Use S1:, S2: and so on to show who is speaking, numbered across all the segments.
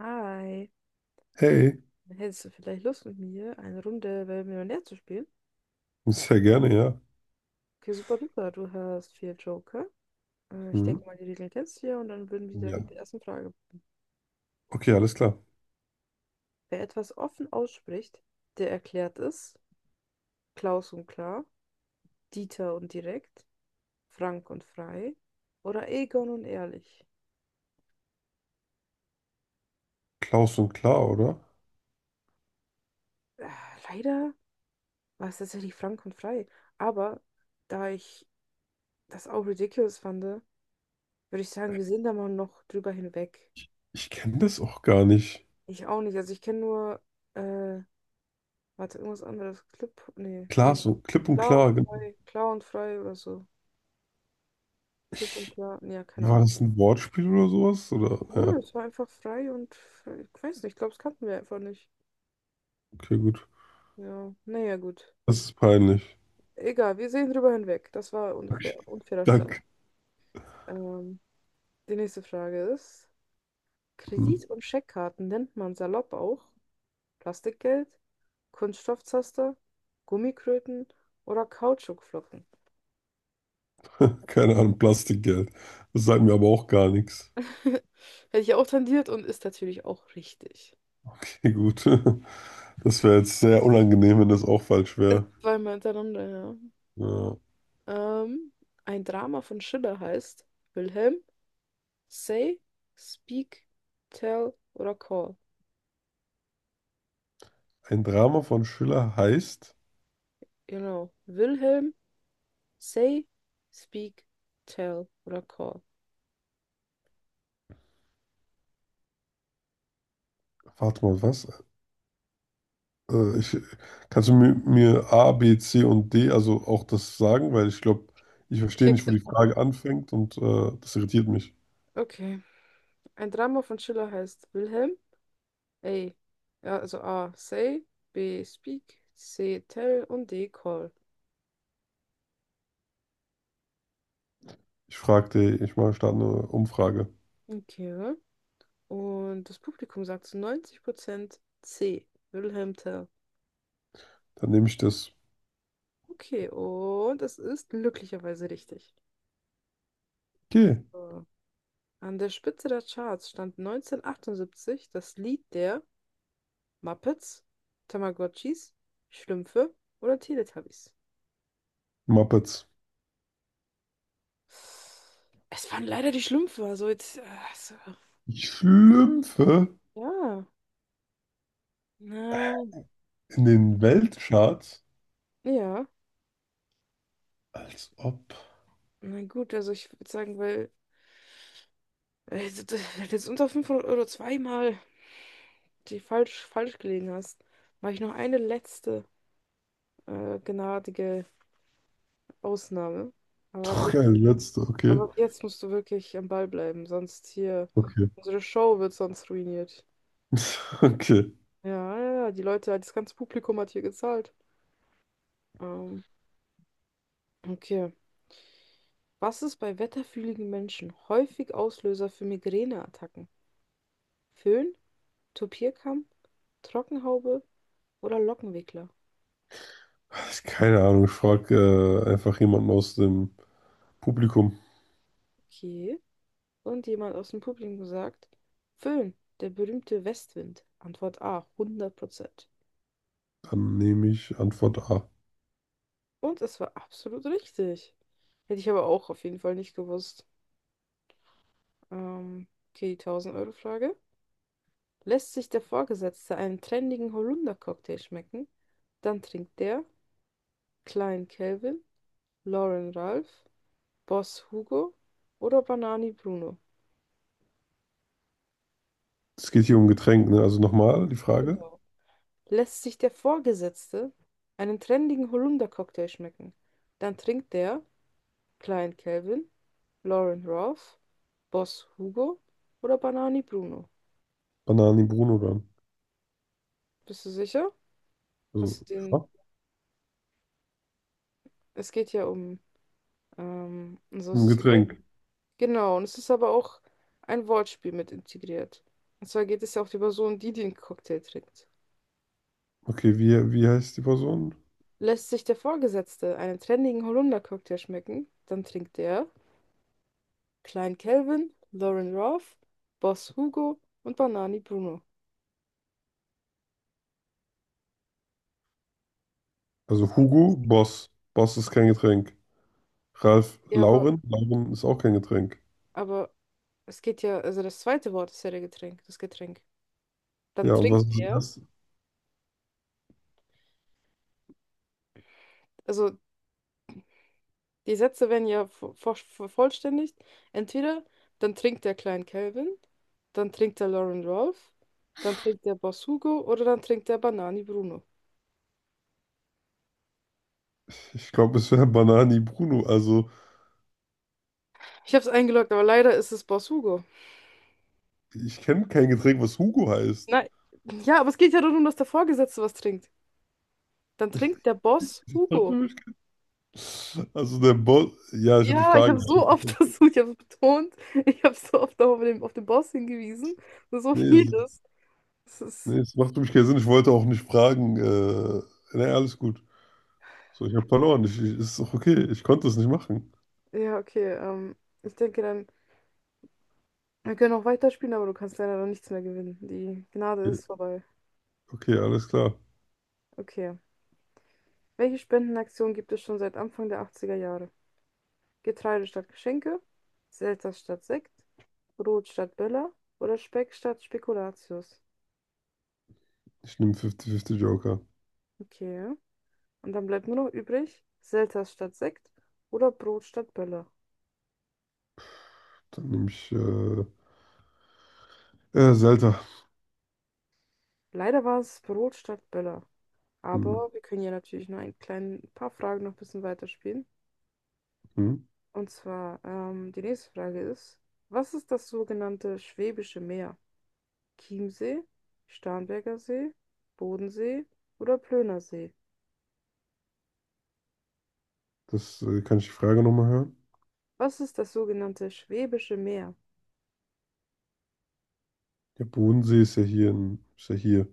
S1: Hi,
S2: Hey,
S1: hättest du vielleicht Lust mit mir, eine Runde Wer wird Millionär zu spielen?
S2: sehr gerne, ja.
S1: Okay, super duper, du hast vier Joker. Ich
S2: Mhm.
S1: denke mal, die Regeln kennst du ja und dann würden wir
S2: Ja.
S1: direkt mit der ersten Frage.
S2: Okay, alles klar.
S1: Wer etwas offen ausspricht, der erklärt es. Klaus und klar, Dieter und direkt, Frank und frei oder Egon und ehrlich.
S2: Klaus und klar, oder?
S1: Äh, Leider war es tatsächlich Frank und frei, aber da ich das auch ridiculous fand, würde ich sagen, wir sehen da mal noch drüber hinweg.
S2: Ich kenne das auch gar nicht.
S1: Ich auch nicht. Also ich kenne nur, äh, warte, irgendwas anderes. Clip, nee.
S2: Klaas und klipp und
S1: Klar und
S2: klar.
S1: frei. Klar und frei oder so. Clip und
S2: Ich,
S1: klar. Nee, ja, keine
S2: war
S1: Ahnung.
S2: das ein Wortspiel oder sowas? Oder?
S1: Ja,
S2: Ja,
S1: es war einfach frei und frei. Ich weiß nicht, ich glaube, es kannten wir einfach nicht.
S2: okay, gut.
S1: Ja, naja, gut.
S2: Das ist peinlich.
S1: Egal, wir sehen drüber hinweg. Das war
S2: Okay,
S1: unfair, unfairer Start.
S2: danke.
S1: Ähm, Die nächste Frage ist:
S2: Hm.
S1: Kredit- und Scheckkarten nennt man salopp auch Plastikgeld, Kunststoffzaster, Gummikröten oder Kautschukflocken?
S2: Keine Ahnung, Plastikgeld. Das sagt mir aber auch gar nichts.
S1: Hätte ich auch tendiert und ist natürlich auch richtig.
S2: Okay, gut. Das wäre jetzt sehr unangenehm, wenn das auch falsch wäre.
S1: Zweimal hintereinander,
S2: Ja.
S1: ja. Ein Drama von Schiller heißt Wilhelm, Say, Speak, Tell oder Call.
S2: Ein Drama von Schiller heißt.
S1: Genau. Wilhelm, Say, Speak, Tell oder Call.
S2: Warte mal, was? Äh, ich, Kannst du mir, A, B, C und D, also auch das sagen? Weil ich glaube, ich verstehe
S1: Okay,
S2: nicht, wo
S1: kann
S2: die
S1: ich
S2: Frage
S1: machen.
S2: anfängt, und das irritiert mich.
S1: Okay. Ein Drama von Schiller heißt Wilhelm, A. Ja, also A, Say, B, Speak, C, Tell und D, Call.
S2: Ich fragte, ich mache statt eine Umfrage.
S1: Okay, oder? Und das Publikum sagt zu 90% C. Wilhelm Tell.
S2: Dann nehme ich das.
S1: Okay, und es ist glücklicherweise richtig.
S2: Okay,
S1: So. An der Spitze der Charts stand 1978 das Lied der Muppets, Tamagotchis, Schlümpfe oder Teletubbies.
S2: Muppets.
S1: Es waren leider die Schlümpfe, also jetzt. Also,
S2: Ich schlümpfe
S1: ja, na,
S2: in den Weltcharts,
S1: ja,
S2: als ob.
S1: na gut, also ich würde sagen, weil jetzt unter 500 Euro zweimal die falsch gelegen hast, mache ich noch eine letzte gnadige Ausnahme. Aber ab
S2: Doch,
S1: jetzt,
S2: ja, die letzte,
S1: aber
S2: okay.
S1: ab jetzt musst du wirklich am Ball bleiben, sonst hier,
S2: Okay.
S1: unsere Show wird sonst ruiniert.
S2: Okay.
S1: Ja, ja, ja, die Leute, das ganze Publikum hat hier gezahlt. Ähm, okay. Was ist bei wetterfühligen Menschen häufig Auslöser für Migräneattacken? Föhn, Topierkamm, Trockenhaube oder Lockenwickler?
S2: Keine Ahnung, ich frage einfach jemanden aus dem Publikum.
S1: Okay. Und jemand aus dem Publikum sagt, Föhn, der berühmte Westwind. Antwort A, 100%.
S2: Dann nehme ich Antwort A.
S1: Und es war absolut richtig. Hätte ich aber auch auf jeden Fall nicht gewusst. Ähm, okay, die 1000-Euro-Frage. Lässt sich der Vorgesetzte einen trendigen Holunder-Cocktail schmecken, dann trinkt der Klein Calvin, Lauren Ralph, Boss Hugo oder Banani Bruno.
S2: Es geht hier um Getränk, ne? Also nochmal die Frage.
S1: Genau. Lässt sich der Vorgesetzte einen trendigen Holunder-Cocktail schmecken, dann trinkt der Klein Calvin, Lauren Ralph, Boss Hugo oder Banani Bruno?
S2: Banani Bruno dann.
S1: Bist du sicher?
S2: Also,
S1: Hast du den?
S2: ja,
S1: Es geht ja um. Also es
S2: um
S1: ist viel,
S2: Getränk.
S1: genau, und es ist aber auch ein Wortspiel mit integriert. Und zwar geht es ja auch die Person, die den Cocktail trinkt.
S2: Okay, wie heißt die Person?
S1: Lässt sich der Vorgesetzte einen trendigen Holunder-Cocktail schmecken, dann trinkt er Klein Calvin, Lauren Ralph, Boss Hugo und Banani Bruno.
S2: Also Hugo Boss. Boss ist kein Getränk. Ralf
S1: Ja, aber,
S2: Lauren. Lauren ist auch kein Getränk.
S1: aber es geht ja, also das zweite Wort ist ja der Getränk, das Getränk. Dann
S2: Ja, und was
S1: trinkt
S2: ist
S1: er,
S2: das?
S1: also die Sätze werden ja vervollständigt. Entweder dann trinkt der Klein Calvin, dann trinkt der Lauren Rolf, dann trinkt der Boss Hugo oder dann trinkt der Banani Bruno.
S2: Ich glaube, es wäre Banani Bruno. Also,
S1: Ich habe es eingeloggt, aber leider ist es Boss Hugo.
S2: ich kenne kein Getränk, was Hugo heißt.
S1: Nein, ja, aber es geht ja darum, dass der Vorgesetzte was trinkt. Dann trinkt der Boss Hugo.
S2: Also der Boss. Ja, ich habe die
S1: Ja, ich
S2: Frage.
S1: habe so oft versucht, ich habe es betont, ich habe so oft auf den Boss hingewiesen. So
S2: Nee, es-
S1: vieles. Das ist.
S2: Nee, es macht für mich keinen Sinn. Ich wollte auch nicht fragen. Nee, alles gut. So, ich habe verloren. Ist doch okay. Ich konnte es nicht machen.
S1: Ja, okay. Ich denke dann, wir können auch weiterspielen, aber du kannst leider noch nichts mehr gewinnen. Die Gnade
S2: Okay,
S1: ist vorbei.
S2: okay, alles klar.
S1: Okay. Welche Spendenaktion gibt es schon seit Anfang der achtziger Jahre? Getreide statt Geschenke, Selter statt Sekt, Brot statt Böller oder Speck statt Spekulatius?
S2: Ich nehme 50-50 Joker.
S1: Okay. Und dann bleibt nur noch übrig, Selters statt Sekt oder Brot statt Böller.
S2: Dann nehme ich Zelda.
S1: Leider war es Brot statt Böller.
S2: Hm,
S1: Aber wir können ja natürlich noch ein klein, paar Fragen noch ein bisschen weiterspielen.
S2: hm.
S1: Und zwar, die nächste Frage ist, was ist das sogenannte Schwäbische Meer? Chiemsee, Starnberger See, Bodensee oder Plöner See?
S2: Das kann ich die Frage nochmal hören?
S1: Was ist das sogenannte Schwäbische Meer?
S2: Der Bodensee ist ja hier in, ist ja hier.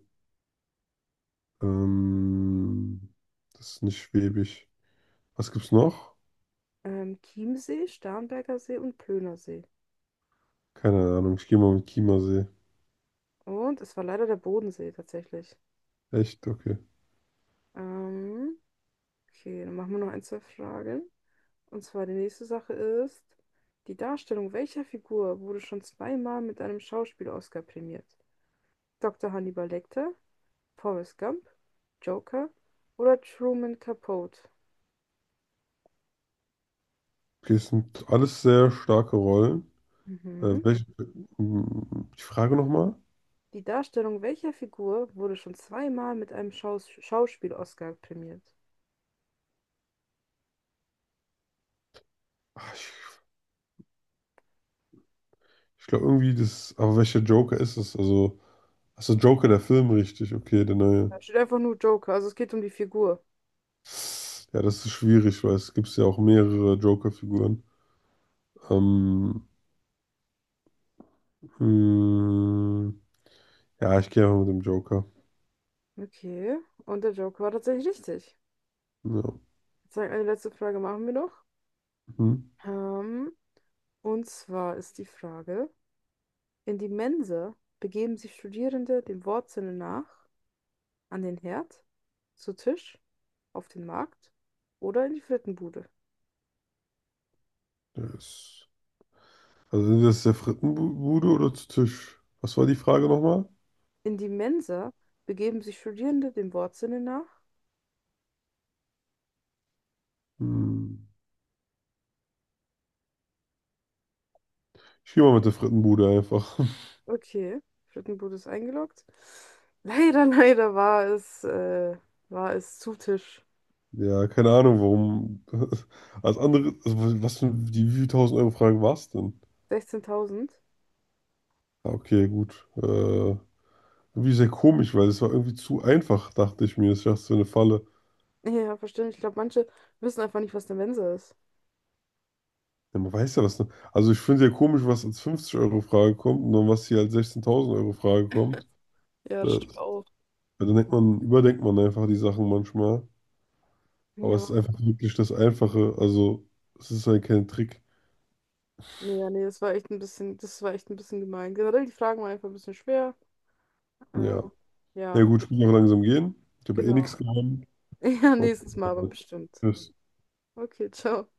S2: Ähm, das ist nicht schwäbisch. Was gibt's noch?
S1: Chiemsee, Starnberger See und Plöner See.
S2: Keine Ahnung. Ich gehe mal mit Chiemsee.
S1: Und es war leider der Bodensee tatsächlich.
S2: Echt? Okay.
S1: Ähm, okay, dann machen wir noch ein, zwei Fragen. Und zwar die nächste Sache ist, die Darstellung welcher Figur wurde schon zweimal mit einem Schauspiel-Oscar prämiert? Dr. Hannibal Lecter, Forrest Gump, Joker oder Truman Capote?
S2: Okay, es sind alles sehr starke Rollen. Äh,
S1: Mhm.
S2: welche, die Frage nochmal?
S1: Die Darstellung welcher Figur wurde schon zweimal mit einem Schauspiel-Oscar prämiert?
S2: Ich, ich glaube irgendwie das, aber welcher Joker ist es? Also. Achso, Joker, der Film, richtig. Okay, der neue.
S1: Da steht einfach nur Joker, also es geht um die Figur.
S2: Ja, das ist schwierig, weil es gibt ja auch mehrere Joker-Figuren. Ähm, hm, ja, ich gehe einfach mit dem Joker.
S1: Okay, und der Joker war tatsächlich richtig.
S2: Ja.
S1: Ich würde sagen, eine letzte Frage machen wir noch.
S2: Hm,
S1: Ähm, und zwar ist die Frage: In die Mensa begeben sich Studierende dem Wortsinne nach an den Herd, zu Tisch, auf den Markt oder in die Frittenbude?
S2: der ist, also sind das der Frittenbude oder zu Tisch? Was war die Frage nochmal?
S1: In die Mensa begeben sich Studierende dem Wortsinne nach.
S2: Hm, ich gehe mal mit der Frittenbude einfach.
S1: Okay, Frittenbude ist eingeloggt. Leider, war es zu Tisch.
S2: Ja, keine Ahnung, warum. Als andere, also was für die wie viel tausend Euro Frage war es denn?
S1: 16.000.
S2: Ah, okay, gut. Irgendwie sehr komisch, weil es war irgendwie zu einfach, dachte ich mir. Ich dachte, so eine Falle.
S1: Ja, verständlich. Ich glaube, manche wissen einfach nicht, was eine Mensa ist.
S2: Ja, man weiß ja was. Ne? Also ich finde sehr komisch, was als 50-Euro-Frage kommt und dann was hier als 16.000-Euro-Frage kommt.
S1: Ja, das
S2: Das,
S1: stimmt auch.
S2: ja, dann denkt man, überdenkt man einfach die Sachen manchmal. Aber es ist
S1: Ja,
S2: einfach wirklich das Einfache. Also es ist halt kein Trick.
S1: ja, nee, das war echt ein bisschen, das war echt ein bisschen gemein. Generell, die Fragen waren einfach ein bisschen schwer. Äh,
S2: Ja. Ja
S1: ja,
S2: gut, ich muss noch langsam gehen. Ich habe eh
S1: genau.
S2: nichts gewonnen.
S1: Ja,
S2: Und
S1: nächstes Mal aber
S2: äh,
S1: bestimmt.
S2: tschüss.
S1: Okay, ciao.